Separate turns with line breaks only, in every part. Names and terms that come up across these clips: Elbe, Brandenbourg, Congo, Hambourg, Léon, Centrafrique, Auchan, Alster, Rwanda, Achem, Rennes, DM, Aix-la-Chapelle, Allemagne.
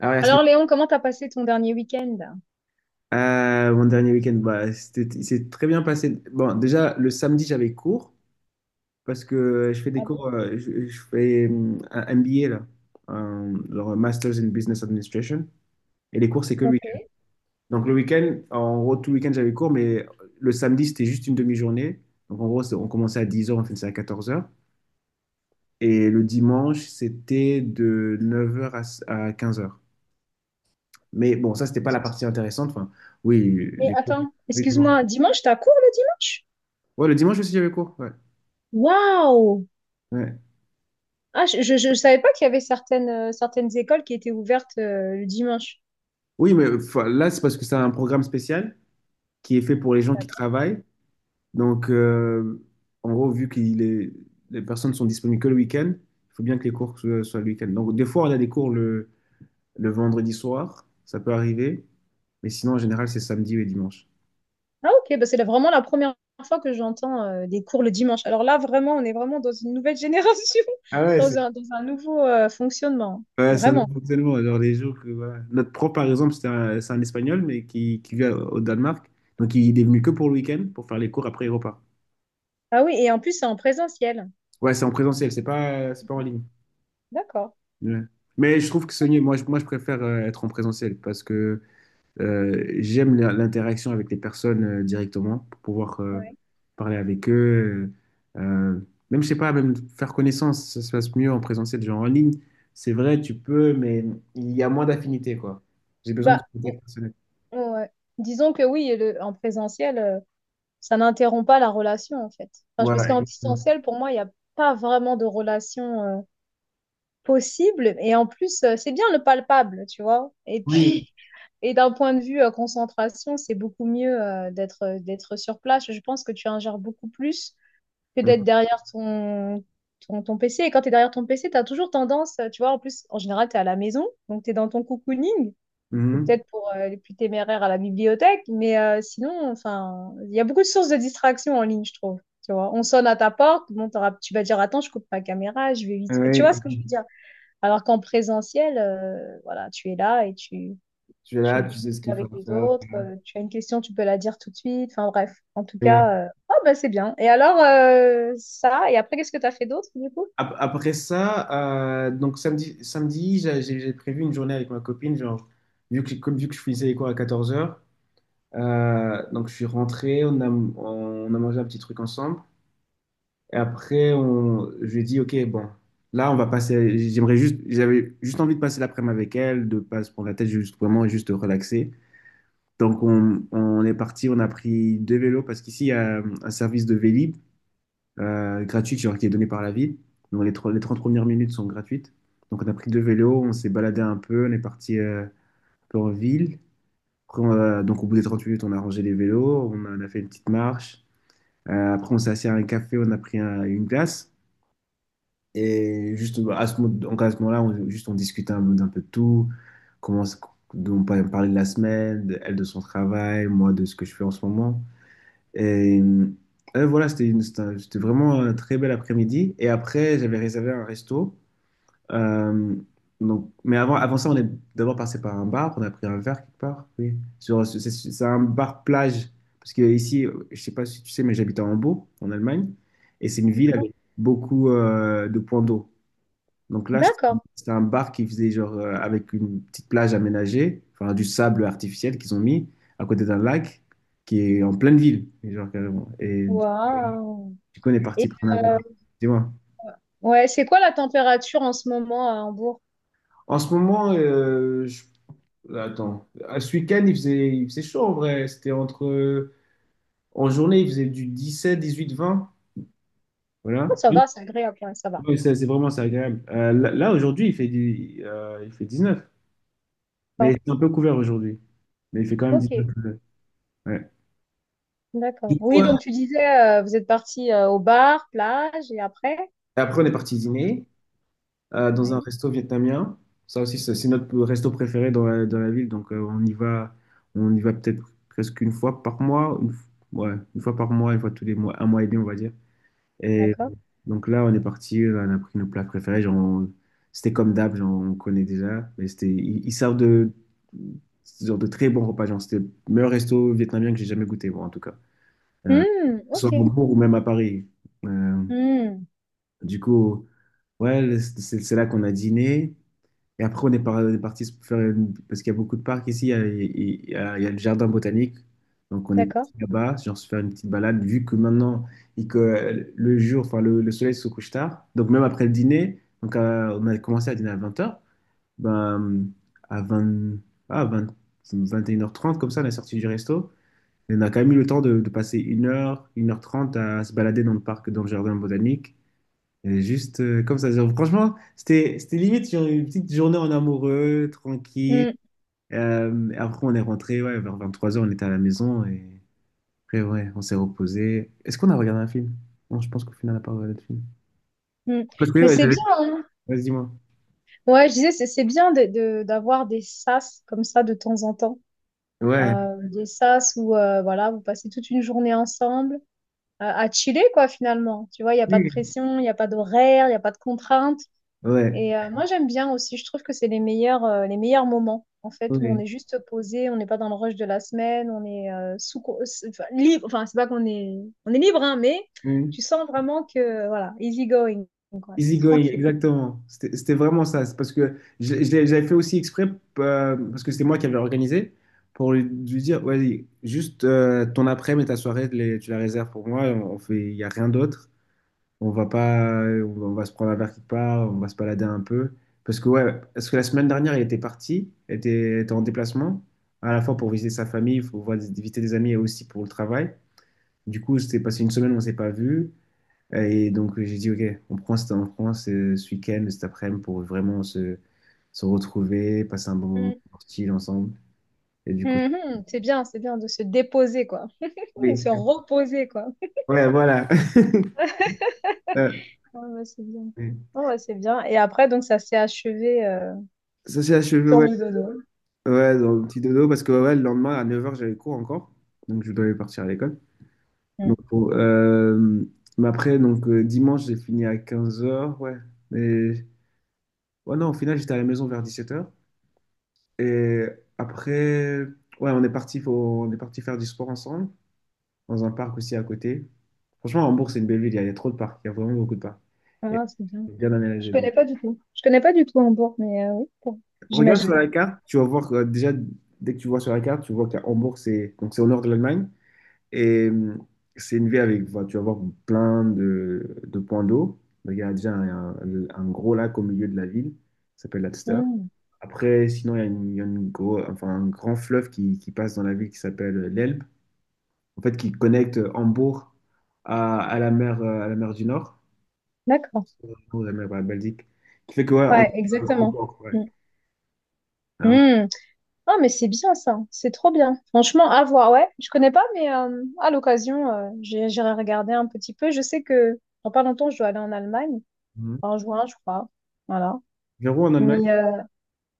Ah ouais, la
Alors Léon, comment t'as passé ton dernier week-end?
mon dernier week-end, il s'est très bien passé. Bon, déjà, le samedi, j'avais cours parce que je fais des
Ah bon?
cours, je fais un MBA, là, genre un Masters in Business Administration. Et les cours, c'est que le
Ok.
week-end. Donc, le week-end, en gros, tout le week-end, j'avais cours, mais le samedi, c'était juste une demi-journée. Donc, en gros, on commençait à dix heures, on finissait à quatorze heures. Et le dimanche, c'était de neuf heures à quinze heures. Mais bon, ça, c'était pas la partie intéressante. Enfin, oui,
Mais
les cours.
attends,
Oui,
excuse-moi, dimanche, t'as cours le dimanche?
ouais, le dimanche aussi, j'avais cours. Ouais.
Waouh!
Ouais.
Ah, je savais pas qu'il y avait certaines, certaines écoles qui étaient ouvertes le dimanche.
Oui, mais enfin, là, c'est parce que c'est un programme spécial qui est fait pour les gens qui
D'accord.
travaillent. Donc, en gros, vu que les personnes sont disponibles que le week-end, il faut bien que les cours soient le week-end. Donc, des fois, on a des cours le vendredi soir, ça peut arriver. Mais sinon, en général, c'est samedi et dimanche.
Ah ok, bah c'est vraiment la première fois que j'entends des cours le dimanche. Alors là, vraiment, on est vraiment dans une nouvelle génération,
Ah ouais,
dans
c'est
un, dans un nouveau fonctionnement.
ouais, c'est un
Vraiment.
nouveau fonctionnement. Alors, les jours que, voilà. Notre prof, par exemple, c'est un Espagnol, mais qui vit au Danemark. Donc, il est venu que pour le week-end pour faire les cours, après, il repart.
Ah oui, et en plus, c'est en présentiel.
Ouais, c'est en présentiel, c'est pas en ligne.
D'accord.
Ouais. Mais je trouve que Sony, moi, je préfère être en présentiel parce que j'aime l'interaction avec les personnes directement pour pouvoir
Ouais.
parler avec eux. euh, euh, Même, je sais pas, même faire connaissance, ça se passe mieux en présentiel, genre en ligne. C'est vrai, tu peux, mais il y a moins d'affinité, quoi. J'ai besoin de
Bah,
contact personnel.
ouais. Disons que oui, en présentiel. Ça n'interrompt pas la relation, en fait. Enfin, parce
Voilà,
qu'en
exactement.
distanciel, pour moi, il n'y a pas vraiment de relation possible. Et en plus, c'est bien le palpable, tu vois. Et
Oui.
puis, et d'un point de vue concentration, c'est beaucoup mieux d'être sur place. Je pense que tu ingères beaucoup plus que d'être
Mhm.
derrière ton PC. Et quand tu es derrière ton PC, tu as toujours tendance, tu vois, en plus, en général, tu es à la maison, donc tu es dans ton cocooning ou
Mhm.
peut-être pour les plus téméraires à la bibliothèque, mais sinon, enfin, il y a beaucoup de sources de distraction en ligne, je trouve. Tu vois, on sonne à ta porte, bon, tu vas dire attends, je coupe ma caméra, je vais vite. Tu
Ouais.
vois ce que je veux dire? Alors qu'en présentiel, voilà, tu es là et tu,
Tu es là,
tu,
tu
tu
sais ce
es
qu'il faut
avec les autres, tu as une question, tu peux la dire tout de suite. Enfin bref, en tout
faire.
cas, bah, c'est bien. Et alors, ça, et après, qu'est-ce que tu as fait d'autre du coup?
Après ça, donc samedi, samedi j'ai prévu une journée avec ma copine, genre, vu que, comme vu que je finissais les cours à 14h, donc je suis rentré, on a mangé un petit truc ensemble, et après, je lui ai dit, ok, bon, là, j'aimerais juste, j'avais juste envie de passer l'après-midi avec elle, de pas se prendre la tête, juste vraiment, juste relaxer. On est parti, on a pris deux vélos, parce qu'ici, il y a un service de Vélib, gratuite, genre qui est donnée par la ville. Donc les 30 premières minutes sont gratuites. Donc on a pris deux vélos, on s'est baladé un peu, on est parti un peu en ville. Après, donc au bout des 30 minutes, on a rangé les vélos, on a fait une petite marche. Après, on s'est assis à un café, on a pris une glace. Et juste bah, donc à ce moment-là, juste on discutait d'un peu de tout. Comment, on parlait de la semaine, elle de son travail, moi de ce que je fais en ce moment. Et voilà, c'était vraiment un très bel après-midi. Et après, j'avais réservé un resto. Euh, donc, mais avant, avant ça, on est d'abord passé par un bar. On a pris un verre quelque part. Oui. Sur, c'est un bar plage. Parce que ici, je sais pas si tu sais, mais j'habite à Hambourg, en Allemagne. Et c'est une ville
D'accord.
avec beaucoup de points d'eau. Donc là,
D'accord.
c'était un bar qui faisait genre avec une petite plage aménagée, enfin du sable artificiel qu'ils ont mis à côté d'un lac qui est en pleine ville. Et genre carrément.
Waouh.
Du coup, on est parti
Et
prendre un verre.
euh,
Dis-moi.
ouais, c'est quoi la température en ce moment à Hambourg?
En ce moment, attends, à ce week-end, il faisait chaud en vrai. En journée, il faisait du 17, 18, 20.
Ah,
Voilà.
ça va, c'est agréable, ouais, ça va.
Ouais, ça, c'est agréable. Là, aujourd'hui, il fait 19. Mais
Bon,
c'est un peu couvert aujourd'hui. Mais il fait quand même
ok,
19. Ouais. Du
d'accord.
coup,
Oui, donc tu disais, vous êtes parti au bar, plage, et après?
Et après, on est parti dîner dans un
Ouais,
resto vietnamien. Ça aussi, c'est notre resto préféré dans la ville. Donc, on y va peut-être presque une fois par mois. Ouais, une fois par mois, une fois tous les mois, un mois et demi, on va dire. Et
d'accord.
donc là, on est parti, on a pris nos plats préférés. C'était comme d'hab, genre, on connaît déjà. Mais ils servent genre, de très bons repas. Genre, c'était le meilleur resto vietnamien que j'ai jamais goûté, bon en tout cas.
Hmm, ok.
Soit à Hambourg ou même à Paris. Euh,
Hmm,
Du coup, ouais, c'est là qu'on a dîné. Et après, on est parti se faire parce qu'il y a beaucoup de parcs ici. Il y a le jardin botanique. Donc, on est
d'accord.
parti là-bas, genre se faire une petite balade. Vu que maintenant, que le jour, enfin, le soleil se couche tard. Donc, même après le dîner, donc, on a commencé à dîner à 20 heures. Ben, à 20 ah, vingt Vingt et une heures trente, comme ça, on est sorti du resto. Et on a quand même eu le temps de passer une heure trente à se balader dans le parc, dans le jardin botanique. Et juste comme ça. Genre, franchement, c'était limite genre, une petite journée en amoureux, tranquille.
Hmm,
Après, on est rentré, ouais, vers trois heures on était à la maison. Et après, ouais, on s'est reposé. Est-ce qu'on a regardé un film? Non, je pense qu'au final, on n'a pas regardé de film.
hmm.
Parce que,
Mais
ouais,
c'est
j'avais...
bien, hein.
Vas-y, moi.
Ouais, je disais, c'est bien de, d'avoir des sas comme ça de temps en temps.
Ouais.
Des sas où, voilà, vous passez toute une journée ensemble, à chiller, quoi, finalement. Tu vois, il n'y a pas de
Oui.
pression, il n'y a pas d'horaire, il n'y a pas de contrainte.
Ouais.
Et moi, j'aime bien aussi. Je trouve que c'est les meilleurs moments, en fait, où on
Ouais.
est juste posé, on n'est pas dans le rush de la semaine, on est enfin, libre. Enfin, c'est pas qu'on est, on est libre, hein, mais
Ouais.
tu sens vraiment que, voilà, easy going, quoi. C'est
Easygoing,
tranquille.
exactement. C'était vraiment ça. C'est parce que j'avais fait aussi exprès, parce que c'était moi qui avais organisé, pour lui, lui dire, vas-y, juste ton après-midi et ta soirée, tu la réserves pour moi. On fait, il n'y a rien d'autre. On va pas, on va se prendre un verre quelque part, on va se balader un peu. Parce que, ouais, parce que la semaine dernière, il était parti, il était, était en déplacement, à la fois pour visiter sa famille, visiter des amis et aussi pour le travail. Du coup, c'était passé une semaine, on ne s'est pas vu. Et donc, j'ai dit, OK, on prend ce week-end, cet après-midi pour vraiment se retrouver, passer un bon moment
Mm.
chill ensemble. Et du coup,
Mhm. C'est bien de se déposer, quoi. De
oui,
se reposer, quoi.
ouais, voilà. Euh,
Ouais, ouais, c'est bien. Ouais, ouais, c'est bien. Et après, donc, ça s'est achevé
ça s'est achevé,
sur
ouais.
le dodo.
Ouais, dans le petit dodo, parce que ouais, le lendemain, à 9h, j'avais cours encore. Donc, je devais partir à l'école. Donc,
Mm.
bon, mais après, donc, dimanche, j'ai fini à 15h, ouais. Mais, ouais, non, au final, j'étais à la maison vers 17h. Et après, ouais, on est parti faire du sport ensemble dans un parc aussi à côté. Franchement, Hambourg, c'est une belle ville, il y a trop de parcs, il y a vraiment beaucoup de parcs.
Ouais,
Et
non, c'est bien.
c'est bien
Je
aménagé. Donc,
connais pas du tout. Je connais pas du tout Hambourg, mais oui, bon,
regarde sur
j'imagine.
la carte, tu vas voir que déjà, dès que tu vois sur la carte, tu vois que Hambourg, c'est au nord de l'Allemagne. Et c'est une ville avec, voilà, tu vas voir plein de points d'eau. Donc, il y a déjà un gros lac au milieu de la ville, ça s'appelle l'Alster.
Mm.
Après, sinon, il y a enfin, un grand fleuve qui passe dans la ville qui s'appelle l'Elbe, en fait, qui connecte Hambourg à la mer du Nord.
D'accord.
Ou la mer, ouais, Belgique. Qui fait que, ouais,
Ouais,
on
exactement.
remporte, ouais.
Mm.
Alors,
Mm. Ah, mais c'est bien ça. C'est trop bien. Franchement, à voir. Ouais, je connais pas, mais à l'occasion, j'irai regarder un petit peu. Je sais que dans pas longtemps, je dois aller en Allemagne.
mhm.
En juin, je crois. Voilà.
0 en Allemagne,
Mais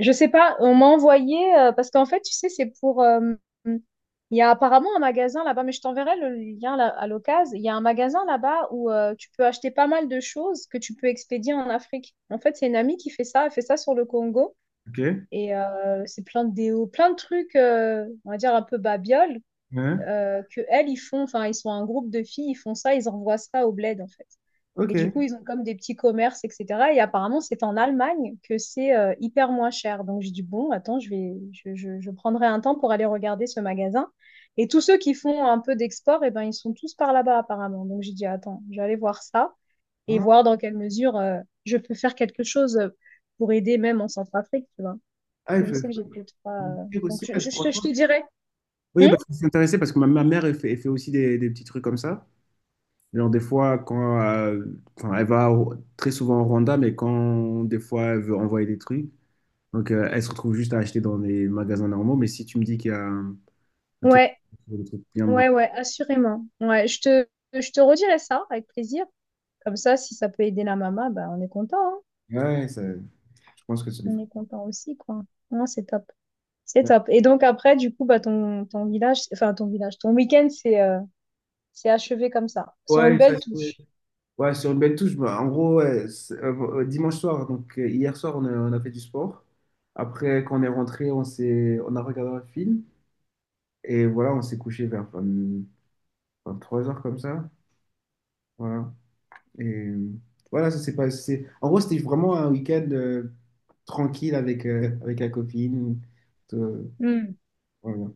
je sais pas, on m'a envoyé, parce qu'en fait, tu sais, c'est pour... il y a apparemment un magasin là-bas, mais je t'enverrai le lien à l'occasion. Il y a un magasin là-bas où tu peux acheter pas mal de choses que tu peux expédier en Afrique. En fait, c'est une amie qui fait ça, elle fait ça sur le Congo.
ok.
Et c'est plein de déos, plein de trucs, on va dire un peu babioles,
Ouais.
que elles, ils font, enfin, ils sont un groupe de filles, ils font ça, ils envoient ça au bled, en fait. Et du
Ok.
coup, ils ont comme des petits commerces, etc. Et apparemment, c'est en Allemagne que c'est hyper moins cher. Donc, j'ai dit, bon, attends, je vais, je prendrai un temps pour aller regarder ce magasin. Et tous ceux qui font un peu d'export, eh ben, ils sont tous par là-bas, apparemment. Donc, j'ai dit, attends, je vais aller voir ça et
Ah,
voir dans quelle mesure je peux faire quelque chose pour aider même en Centrafrique, tu vois.
ah, il
Je
faut
sais que j'ai plus de trois.
Faut me dire
Donc,
aussi, ouais,
je te je
franchement.
te dirai.
Oui,
Hmm.
parce que je suis intéressé parce que ma mère, elle fait aussi des petits trucs comme ça. Genre, des fois, quand enfin, très souvent au Rwanda, mais quand des fois elle veut envoyer des trucs, donc elle se retrouve juste à acheter dans les magasins normaux. Mais si tu me dis qu'il y a un truc,
Ouais.
des trucs bien moins.
Ouais, ouais, assurément. Ouais, je te redirai ça avec plaisir. Comme ça, si ça peut aider la maman, bah, on est content, hein.
Ouais, ça- je pense que c'est des
On est content aussi, quoi. Non, c'est top. C'est
fois.
top. Et donc après, du coup, bah, ton, ton village, enfin ton village, ton week-end, c'est achevé comme ça, sur une
Ouais, ça,
belle
c'est-
touche.
Ouais, sur une belle touche. Bah, en gros, ouais, dimanche soir, donc hier soir, on a fait du sport. Après, quand on est rentré, on a regardé un film. Et voilà, on s'est couché vers 20 23 heures comme ça. Voilà. Et voilà, ça s'est passé. En gros, c'était vraiment un week-end tranquille avec, avec la copine. Tout- euh,
Hmm.
voilà.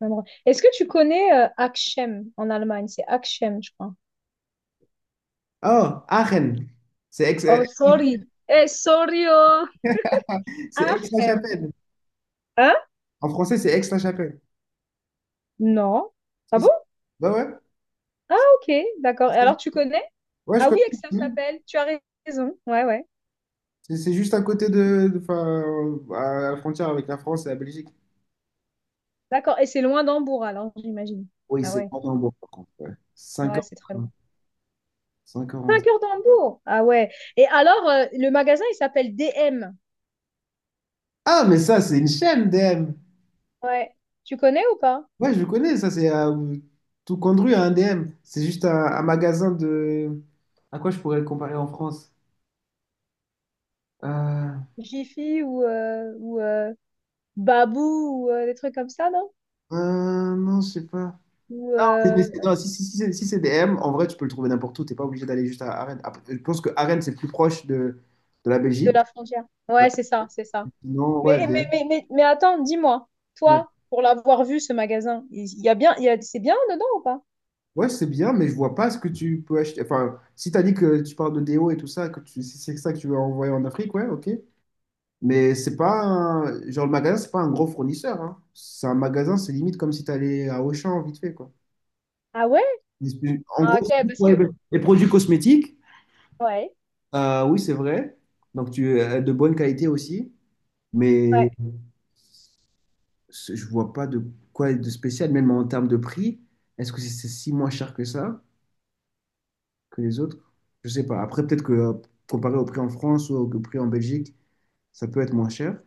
Vraiment. Est-ce que tu connais Achem en Allemagne? C'est Achem, je crois.
Oh, Aachen! C'est Aix, euh,
Oh, sorry. Eh, sorry, oh.
c'est Aix-la-Chapelle.
Achem. Hein?
En français, c'est Aix-la-Chapelle.
Non. Ah
Si, si.
bon?
Bah ouais.
Ah, ok, d'accord. Et alors, tu connais?
Ouais, je
Ah oui,
connais.
Aix-la-Chapelle, tu as raison. Ouais, ouais.
C'est juste à côté enfin, à la frontière avec la France et la Belgique.
D'accord. Et c'est loin d'Hambourg, alors, j'imagine.
Oui,
Ah
c'est
ouais,
Brandenbourg, par contre. Ouais. Cinq
ouais,
heures
c'est
de
très
train.
loin.
5 heures en
5
train.
heures d'Hambourg. Ah ouais. Et alors, le magasin, il s'appelle DM.
Ah, mais ça, c'est une chaîne, DM.
Ouais. Tu connais ou pas?
Ouais, je connais, c'est à tout conduit à un DM. C'est juste un magasin de. À quoi je pourrais le comparer en France? Euh,
Jiffy ou, Babou ou des trucs comme ça, non?
non, je sais pas.
Ou
Non, si, c'est DM, en vrai, tu peux le trouver n'importe où. T'es pas obligé d'aller juste à Arène. Après, je pense que Arène, c'est plus proche de la
de
Belgique.
la frontière. Ouais, c'est ça, c'est ça.
Non, ouais,
Mais, mais,
DM.
mais, mais, mais attends, dis-moi, toi, pour l'avoir vu, ce magasin, il y a bien, c'est bien dedans ou pas?
Ouais, c'est bien, mais je vois pas ce que tu peux acheter. Enfin, si t'as dit que tu parles de déo et tout ça, que tu... si c'est ça que tu veux envoyer en Afrique, ouais, ok. Mais c'est pas un... Genre, le magasin, c'est pas un gros fournisseur, hein. C'est un magasin, c'est limite comme si t'allais à Auchan vite fait, quoi.
Ah ouais?
En
Ah
gros, c'est
ok,
juste
parce
pour
que...
les produits cosmétiques,
Ouais.
oui, c'est vrai. Donc, tu as de bonne qualité aussi. Mais
Ouais.
je vois pas de quoi de spécial, même en termes de prix. Est-ce que C'est si moins cher que ça que les autres. Je sais pas. Après, peut-être que comparé au prix en France ou au prix en Belgique, ça peut être moins cher.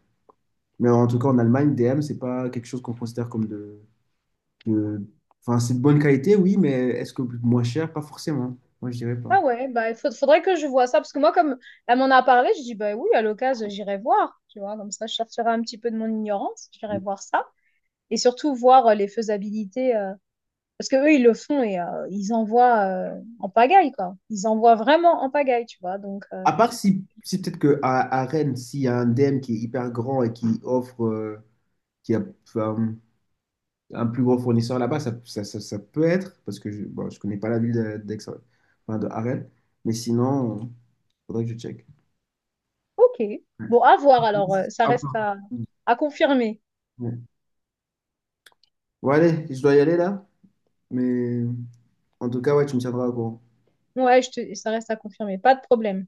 Mais en tout cas, en Allemagne, DM, c'est pas quelque chose qu'on considère comme de- enfin, c'est de bonne qualité, oui, mais est-ce que moins cher? Pas forcément. Moi, je dirais pas.
Ah ouais, bah, faudrait que je vois ça, parce que moi, comme elle m'en a parlé, je dis, bah oui, à l'occasion, j'irai voir, tu vois, comme ça, je sortirai un petit peu de mon ignorance, j'irai voir ça, et surtout voir les faisabilités, parce que eux, ils le font et ils envoient en pagaille, quoi. Ils envoient vraiment en pagaille, tu vois, donc,
À part si, si peut-être que à Rennes, s'il y a un DM qui est hyper grand et qui offre, qui a enfin, un plus gros fournisseur là-bas, ça peut être, parce que je, bon, je connais pas la ville d'Aix, enfin, de à Rennes, mais sinon, faudrait que je check.
ok. Bon, à voir, alors, ça
Ah
reste
bon.
à confirmer.
Ouais. Bon, allez, je dois y aller là. Mais en tout cas, ouais, tu me tiendras au courant.
Ouais, ça reste à confirmer, pas de problème.